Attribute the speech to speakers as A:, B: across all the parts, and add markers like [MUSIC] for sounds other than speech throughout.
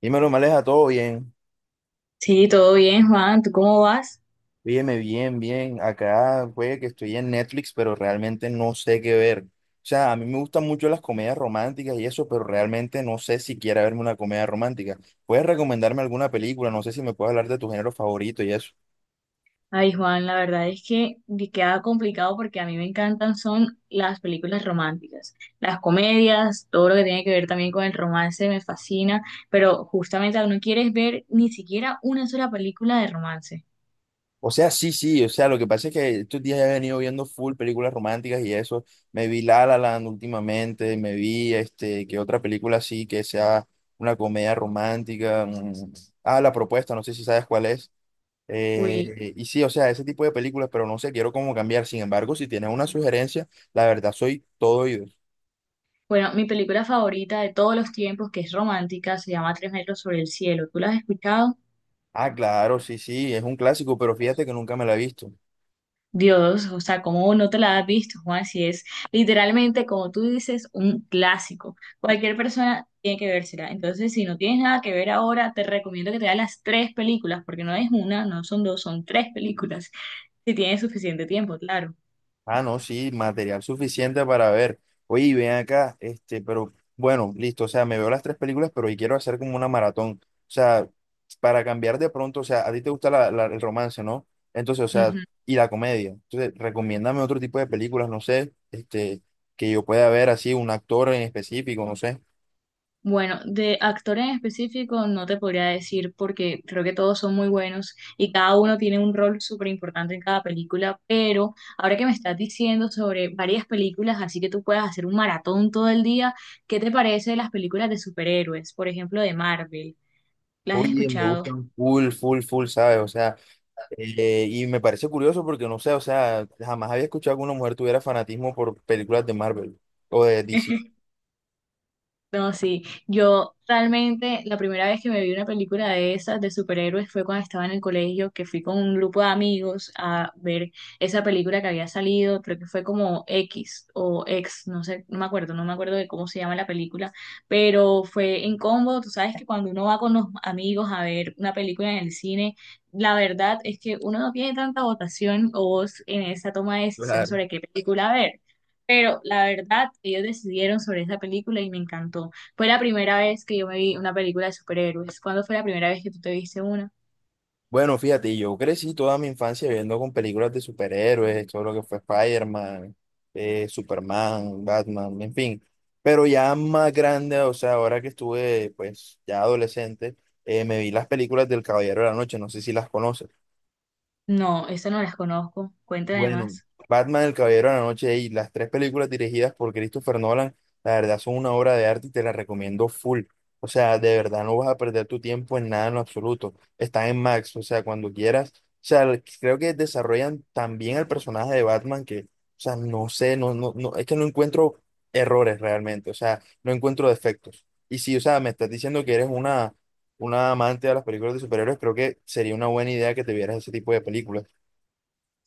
A: Dímelo, Maleja, todo bien.
B: Sí, todo bien, Juan. ¿Tú cómo vas?
A: Óyeme, bien, bien. Acá, güey, que estoy en Netflix, pero realmente no sé qué ver. O sea, a mí me gustan mucho las comedias románticas y eso, pero realmente no sé si quiera verme una comedia romántica. ¿Puedes recomendarme alguna película? No sé si me puedes hablar de tu género favorito y eso.
B: Ay, Juan, la verdad es que me queda complicado porque a mí me encantan son las películas románticas, las comedias, todo lo que tiene que ver también con el romance me fascina, pero justamente no quieres ver ni siquiera una sola película de romance.
A: O sea, sí, sí. O sea, lo que pasa es que estos días he venido viendo full películas románticas y eso. Me vi La La Land últimamente, me vi, que otra película así que sea una comedia romántica. Mm. Ah, La Propuesta, no sé si sabes cuál es.
B: Uy,
A: Y sí, o sea, ese tipo de películas, pero no sé, quiero como cambiar. Sin embargo, si tienes una sugerencia, la verdad soy todo oídos.
B: bueno, mi película favorita de todos los tiempos, que es romántica, se llama Tres metros sobre el cielo. ¿Tú la has escuchado?
A: Ah, claro, sí, sí, es un clásico, pero fíjate que nunca me la he visto.
B: Dios, o sea, ¿cómo no te la has visto, Juan? Si es literalmente, como tú dices, un clásico. Cualquier persona tiene que vérsela. Entonces, si no tienes nada que ver ahora, te recomiendo que te veas las tres películas, porque no es una, no son dos, son tres películas, si tienes suficiente tiempo, claro.
A: Ah, no, sí, material suficiente para ver. Oye, y ven acá, pero bueno, listo, o sea, me veo las tres películas, pero hoy quiero hacer como una maratón. O sea, para cambiar de pronto, o sea, a ti te gusta el romance, ¿no? Entonces, o sea, y la comedia. Entonces, recomiéndame otro tipo de películas, no sé, que yo pueda ver así, un actor en específico, no sé.
B: Bueno, de actor en específico no te podría decir porque creo que todos son muy buenos y cada uno tiene un rol súper importante en cada película, pero ahora que me estás diciendo sobre varias películas, así que tú puedas hacer un maratón todo el día, ¿qué te parece de las películas de superhéroes? Por ejemplo, de Marvel. ¿Las has
A: Oye, me
B: escuchado?
A: gustan full, full, full, ¿sabes? O sea, y me parece curioso porque no sé, o sea, jamás había escuchado que una mujer tuviera fanatismo por películas de Marvel o de DC.
B: [LAUGHS] No, sí, yo realmente la primera vez que me vi una película de esas de superhéroes fue cuando estaba en el colegio, que fui con un grupo de amigos a ver esa película que había salido, creo que fue como X o X, no sé, no me acuerdo, no me acuerdo de cómo se llama la película, pero fue en combo, tú sabes que cuando uno va con los amigos a ver una película en el cine, la verdad es que uno no tiene tanta votación o voz en esa toma de decisión
A: Claro.
B: sobre qué película ver. Pero la verdad, ellos decidieron sobre esa película y me encantó. Fue la primera vez que yo me vi una película de superhéroes. ¿Cuándo fue la primera vez que tú te viste una?
A: Bueno, fíjate, yo crecí toda mi infancia viendo con películas de superhéroes, todo lo que fue Spider-Man, Superman, Batman, en fin. Pero ya más grande, o sea, ahora que estuve, pues, ya adolescente, me vi las películas del Caballero de la Noche, no sé si las conoces.
B: No, esa no las conozco. Cuéntame
A: Bueno,
B: más.
A: Batman, El Caballero de la Noche y las tres películas dirigidas por Christopher Nolan, la verdad son una obra de arte y te la recomiendo full. O sea, de verdad no vas a perder tu tiempo en nada en lo absoluto. Están en Max, o sea, cuando quieras. O sea, creo que desarrollan tan bien el personaje de Batman que, o sea, no sé, no, no, no, es que no encuentro errores realmente, o sea, no encuentro defectos. Y si, o sea, me estás diciendo que eres una amante de las películas de superhéroes, creo que sería una buena idea que te vieras ese tipo de películas.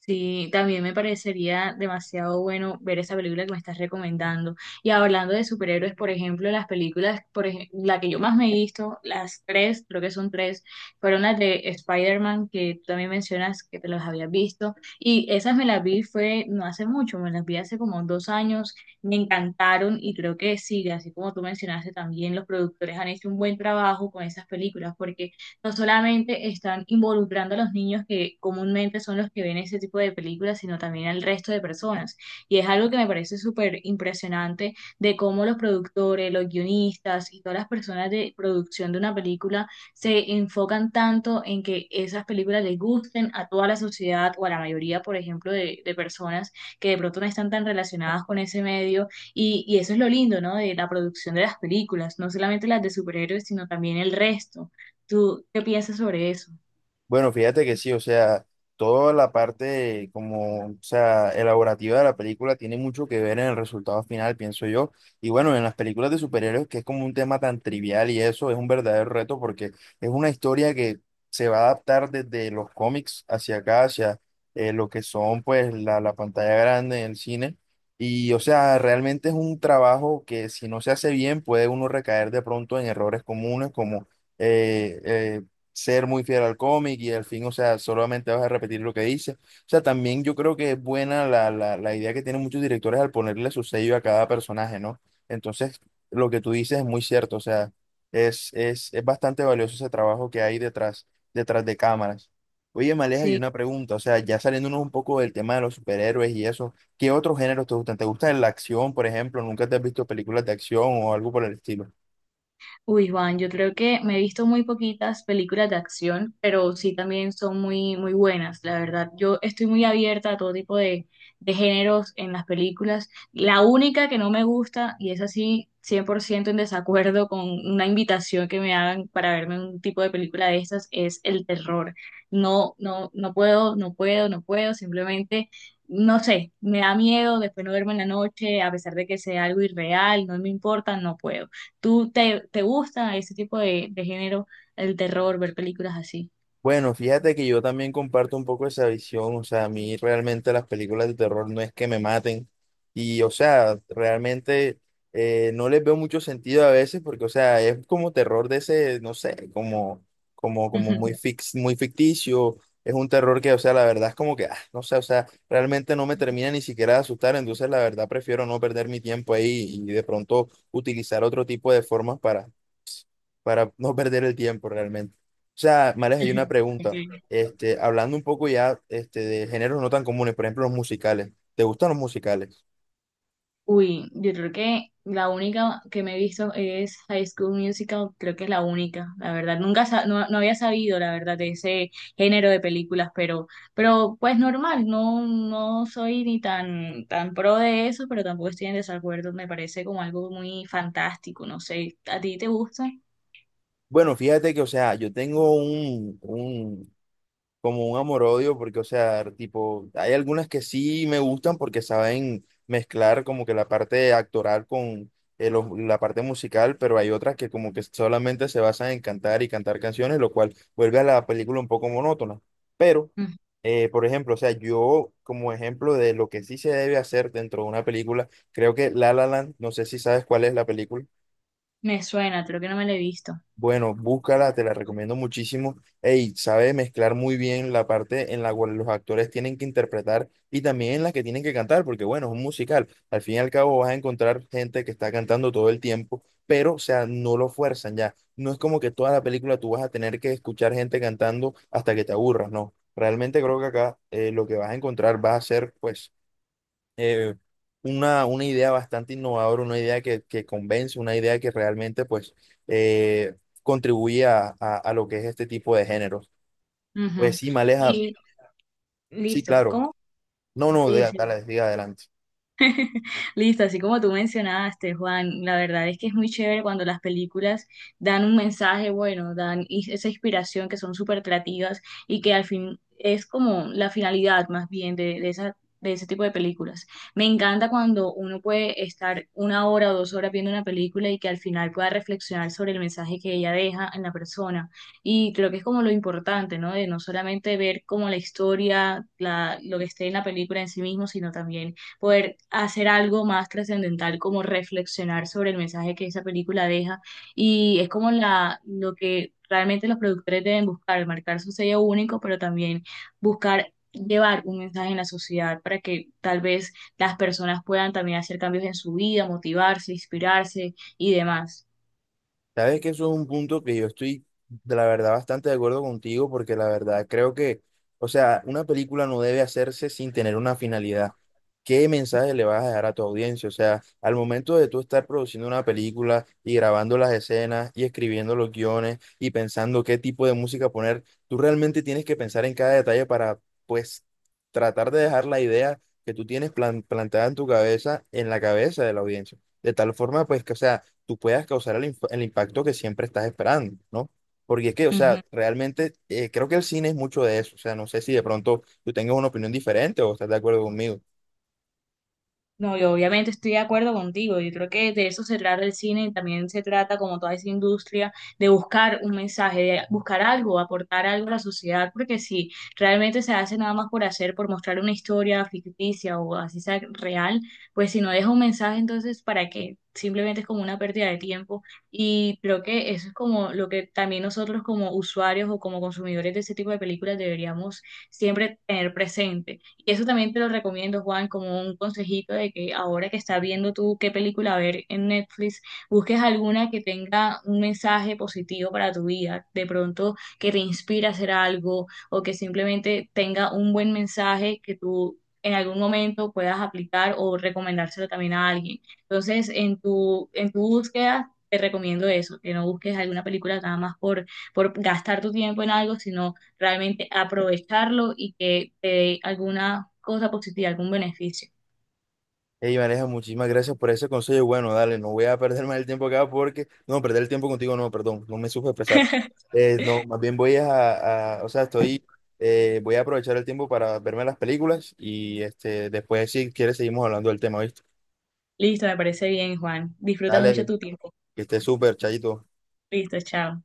B: Sí, también me parecería demasiado bueno ver esa película que me estás recomendando. Y hablando de superhéroes, por ejemplo, las películas, la que yo más me he visto, las tres, creo que son tres, fueron las de Spider-Man, que tú también mencionas que te las habías visto. Y esas me las vi fue no hace mucho, me las vi hace como 2 años, me encantaron y creo que sí, así como tú mencionaste también, los productores han hecho un buen trabajo con esas películas, porque no solamente están involucrando a los niños que comúnmente son los que ven ese tipo de películas, sino también al resto de personas. Y es algo que me parece súper impresionante de cómo los productores, los guionistas y todas las personas de producción de una película se enfocan tanto en que esas películas les gusten a toda la sociedad o a la mayoría, por ejemplo, de personas que de pronto no están tan relacionadas con ese medio. Y eso es lo lindo, ¿no? De la producción de las películas, no solamente las de superhéroes, sino también el resto. ¿Tú qué piensas sobre eso?
A: Bueno, fíjate que sí, o sea, toda la parte como, o sea, elaborativa de la película tiene mucho que ver en el resultado final, pienso yo. Y bueno, en las películas de superhéroes, que es como un tema tan trivial y eso es un verdadero reto porque es una historia que se va a adaptar desde los cómics hacia acá, hacia lo que son pues la pantalla grande en el cine. Y o sea, realmente es un trabajo que si no se hace bien puede uno recaer de pronto en errores comunes como... eh, eh, ser muy fiel al cómic y al fin, o sea, solamente vas a repetir lo que dice. O sea, también yo creo que es buena la idea que tienen muchos directores al ponerle su sello a cada personaje, ¿no? Entonces, lo que tú dices es muy cierto, o sea, es bastante valioso ese trabajo que hay detrás, detrás de cámaras. Oye, Maleja, hay
B: Sí.
A: una pregunta, o sea, ya saliéndonos un poco del tema de los superhéroes y eso, ¿qué otros géneros te gustan? ¿Te gusta la acción, por ejemplo? ¿Nunca te has visto películas de acción o algo por el estilo?
B: Uy, Juan, yo creo que me he visto muy poquitas películas de acción, pero sí también son muy, muy buenas, la verdad. Yo estoy muy abierta a todo tipo de géneros en las películas. La única que no me gusta, y es así 100% en desacuerdo con una invitación que me hagan para verme un tipo de película de estas, es el terror. No, no, no puedo, no puedo, no puedo, simplemente... No sé, me da miedo después no verme en la noche, a pesar de que sea algo irreal, no me importa, no puedo. ¿Tú te gusta ese tipo de género, el terror, ver películas así?
A: Bueno, fíjate que yo también comparto un poco esa visión, o sea, a mí realmente las películas de terror no es que me maten y, o sea, realmente no les veo mucho sentido a veces porque, o sea, es como terror de ese, no sé, como muy
B: [LAUGHS]
A: fix, muy ficticio, es un terror que, o sea, la verdad es como que, ah, no sé, o sea, realmente no me termina ni siquiera de asustar, entonces la verdad prefiero no perder mi tiempo ahí y de pronto utilizar otro tipo de formas para [LAUGHS] no perder el tiempo realmente. O sea, Mares, hay una pregunta.
B: Ok.
A: Hablando un poco ya de géneros no tan comunes, por ejemplo, los musicales. ¿Te gustan los musicales?
B: Uy, yo creo que la única que me he visto es High School Musical, creo que es la única, la verdad. Nunca sa- No, no había sabido, la verdad, de ese género de películas, pero pues normal, no, no soy ni tan pro de eso, pero tampoco estoy en desacuerdo, me parece como algo muy fantástico, no sé, ¿a ti te gusta?
A: Bueno, fíjate que, o sea, yo tengo como un amor-odio, porque, o sea, tipo, hay algunas que sí me gustan porque saben mezclar como que la parte actoral con la parte musical, pero hay otras que como que solamente se basan en cantar y cantar canciones, lo cual vuelve a la película un poco monótona. Pero,
B: Mm,
A: por ejemplo, o sea, yo como ejemplo de lo que sí se debe hacer dentro de una película, creo que La La Land, no sé si sabes cuál es la película.
B: me suena, creo que no me lo he visto.
A: Bueno, búscala, te la recomiendo muchísimo. Ey, sabe mezclar muy bien la parte en la cual los actores tienen que interpretar y también en la que tienen que cantar, porque bueno, es un musical. Al fin y al cabo vas a encontrar gente que está cantando todo el tiempo, pero o sea, no lo fuerzan ya. No es como que toda la película tú vas a tener que escuchar gente cantando hasta que te aburras, no. Realmente creo que acá lo que vas a encontrar va a ser pues eh, una idea bastante innovadora, una idea que convence, una idea que realmente pues eh, contribuye a, a lo que es este tipo de géneros. Pues
B: Ujú.
A: sí, Maleja,
B: Y
A: sí,
B: listo.
A: claro.
B: ¿Cómo?
A: No, no,
B: Sí, sí.
A: dale, siga adelante.
B: Listo, así como tú mencionaste, Juan, la verdad es que es muy chévere cuando las películas dan un mensaje bueno, esa inspiración que son súper creativas y que al fin es como la finalidad más bien de esa, de ese tipo de películas. Me encanta cuando uno puede estar 1 hora o 2 horas viendo una película y que al final pueda reflexionar sobre el mensaje que ella deja en la persona. Y creo que es como lo importante, ¿no? De no solamente ver como la historia, la, lo que esté en la película en sí mismo, sino también poder hacer algo más trascendental, como reflexionar sobre el mensaje que esa película deja. Y es como la, lo que realmente los productores deben buscar, marcar su sello único, pero también buscar llevar un mensaje en la sociedad para que tal vez las personas puedan también hacer cambios en su vida, motivarse, inspirarse y demás.
A: Sabes que eso es un punto que yo estoy, de la verdad, bastante de acuerdo contigo, porque la verdad creo que, o sea, una película no debe hacerse sin tener una finalidad. ¿Qué mensaje le vas a dejar a tu audiencia? O sea, al momento de tú estar produciendo una película y grabando las escenas y escribiendo los guiones y pensando qué tipo de música poner, tú realmente tienes que pensar en cada detalle para, pues, tratar de dejar la idea que tú tienes plantada en tu cabeza, en la cabeza de la audiencia. De tal forma, pues, que, o sea, tú puedas causar el, el impacto que siempre estás esperando, ¿no? Porque es que, o sea, realmente creo que el cine es mucho de eso. O sea, no sé si de pronto tú tengas una opinión diferente o estás de acuerdo conmigo.
B: No, yo obviamente estoy de acuerdo contigo. Yo creo que de eso se trata el cine y también se trata, como toda esa industria, de buscar un mensaje, de buscar algo, aportar algo a la sociedad, porque si realmente se hace nada más por hacer, por mostrar una historia ficticia o así sea real, pues si no deja un mensaje, entonces ¿para qué? Simplemente es como una pérdida de tiempo y creo que eso es como lo que también nosotros como usuarios o como consumidores de ese tipo de películas deberíamos siempre tener presente y eso también te lo recomiendo, Juan, como un consejito de que ahora que estás viendo tú qué película ver en Netflix, busques alguna que tenga un mensaje positivo para tu vida, de pronto que te inspire a hacer algo o que simplemente tenga un buen mensaje que tú en algún momento puedas aplicar o recomendárselo también a alguien. Entonces, en tu búsqueda, te recomiendo eso, que no busques alguna película nada más por gastar tu tiempo en algo, sino realmente aprovecharlo y que te dé alguna cosa positiva, algún beneficio.
A: Ey, Vanessa, muchísimas gracias por ese consejo. Y bueno, dale, no voy a perder más el tiempo acá porque, no, perder el tiempo contigo, no, perdón, no me supe expresar. No, más bien voy a, o sea, estoy, voy a aprovechar el tiempo para verme las películas y después si quieres seguimos hablando del tema, ¿viste?
B: Listo, me parece bien, Juan. Disfruta mucho
A: Dale,
B: tu tiempo.
A: que esté súper, chayito.
B: Listo, chao.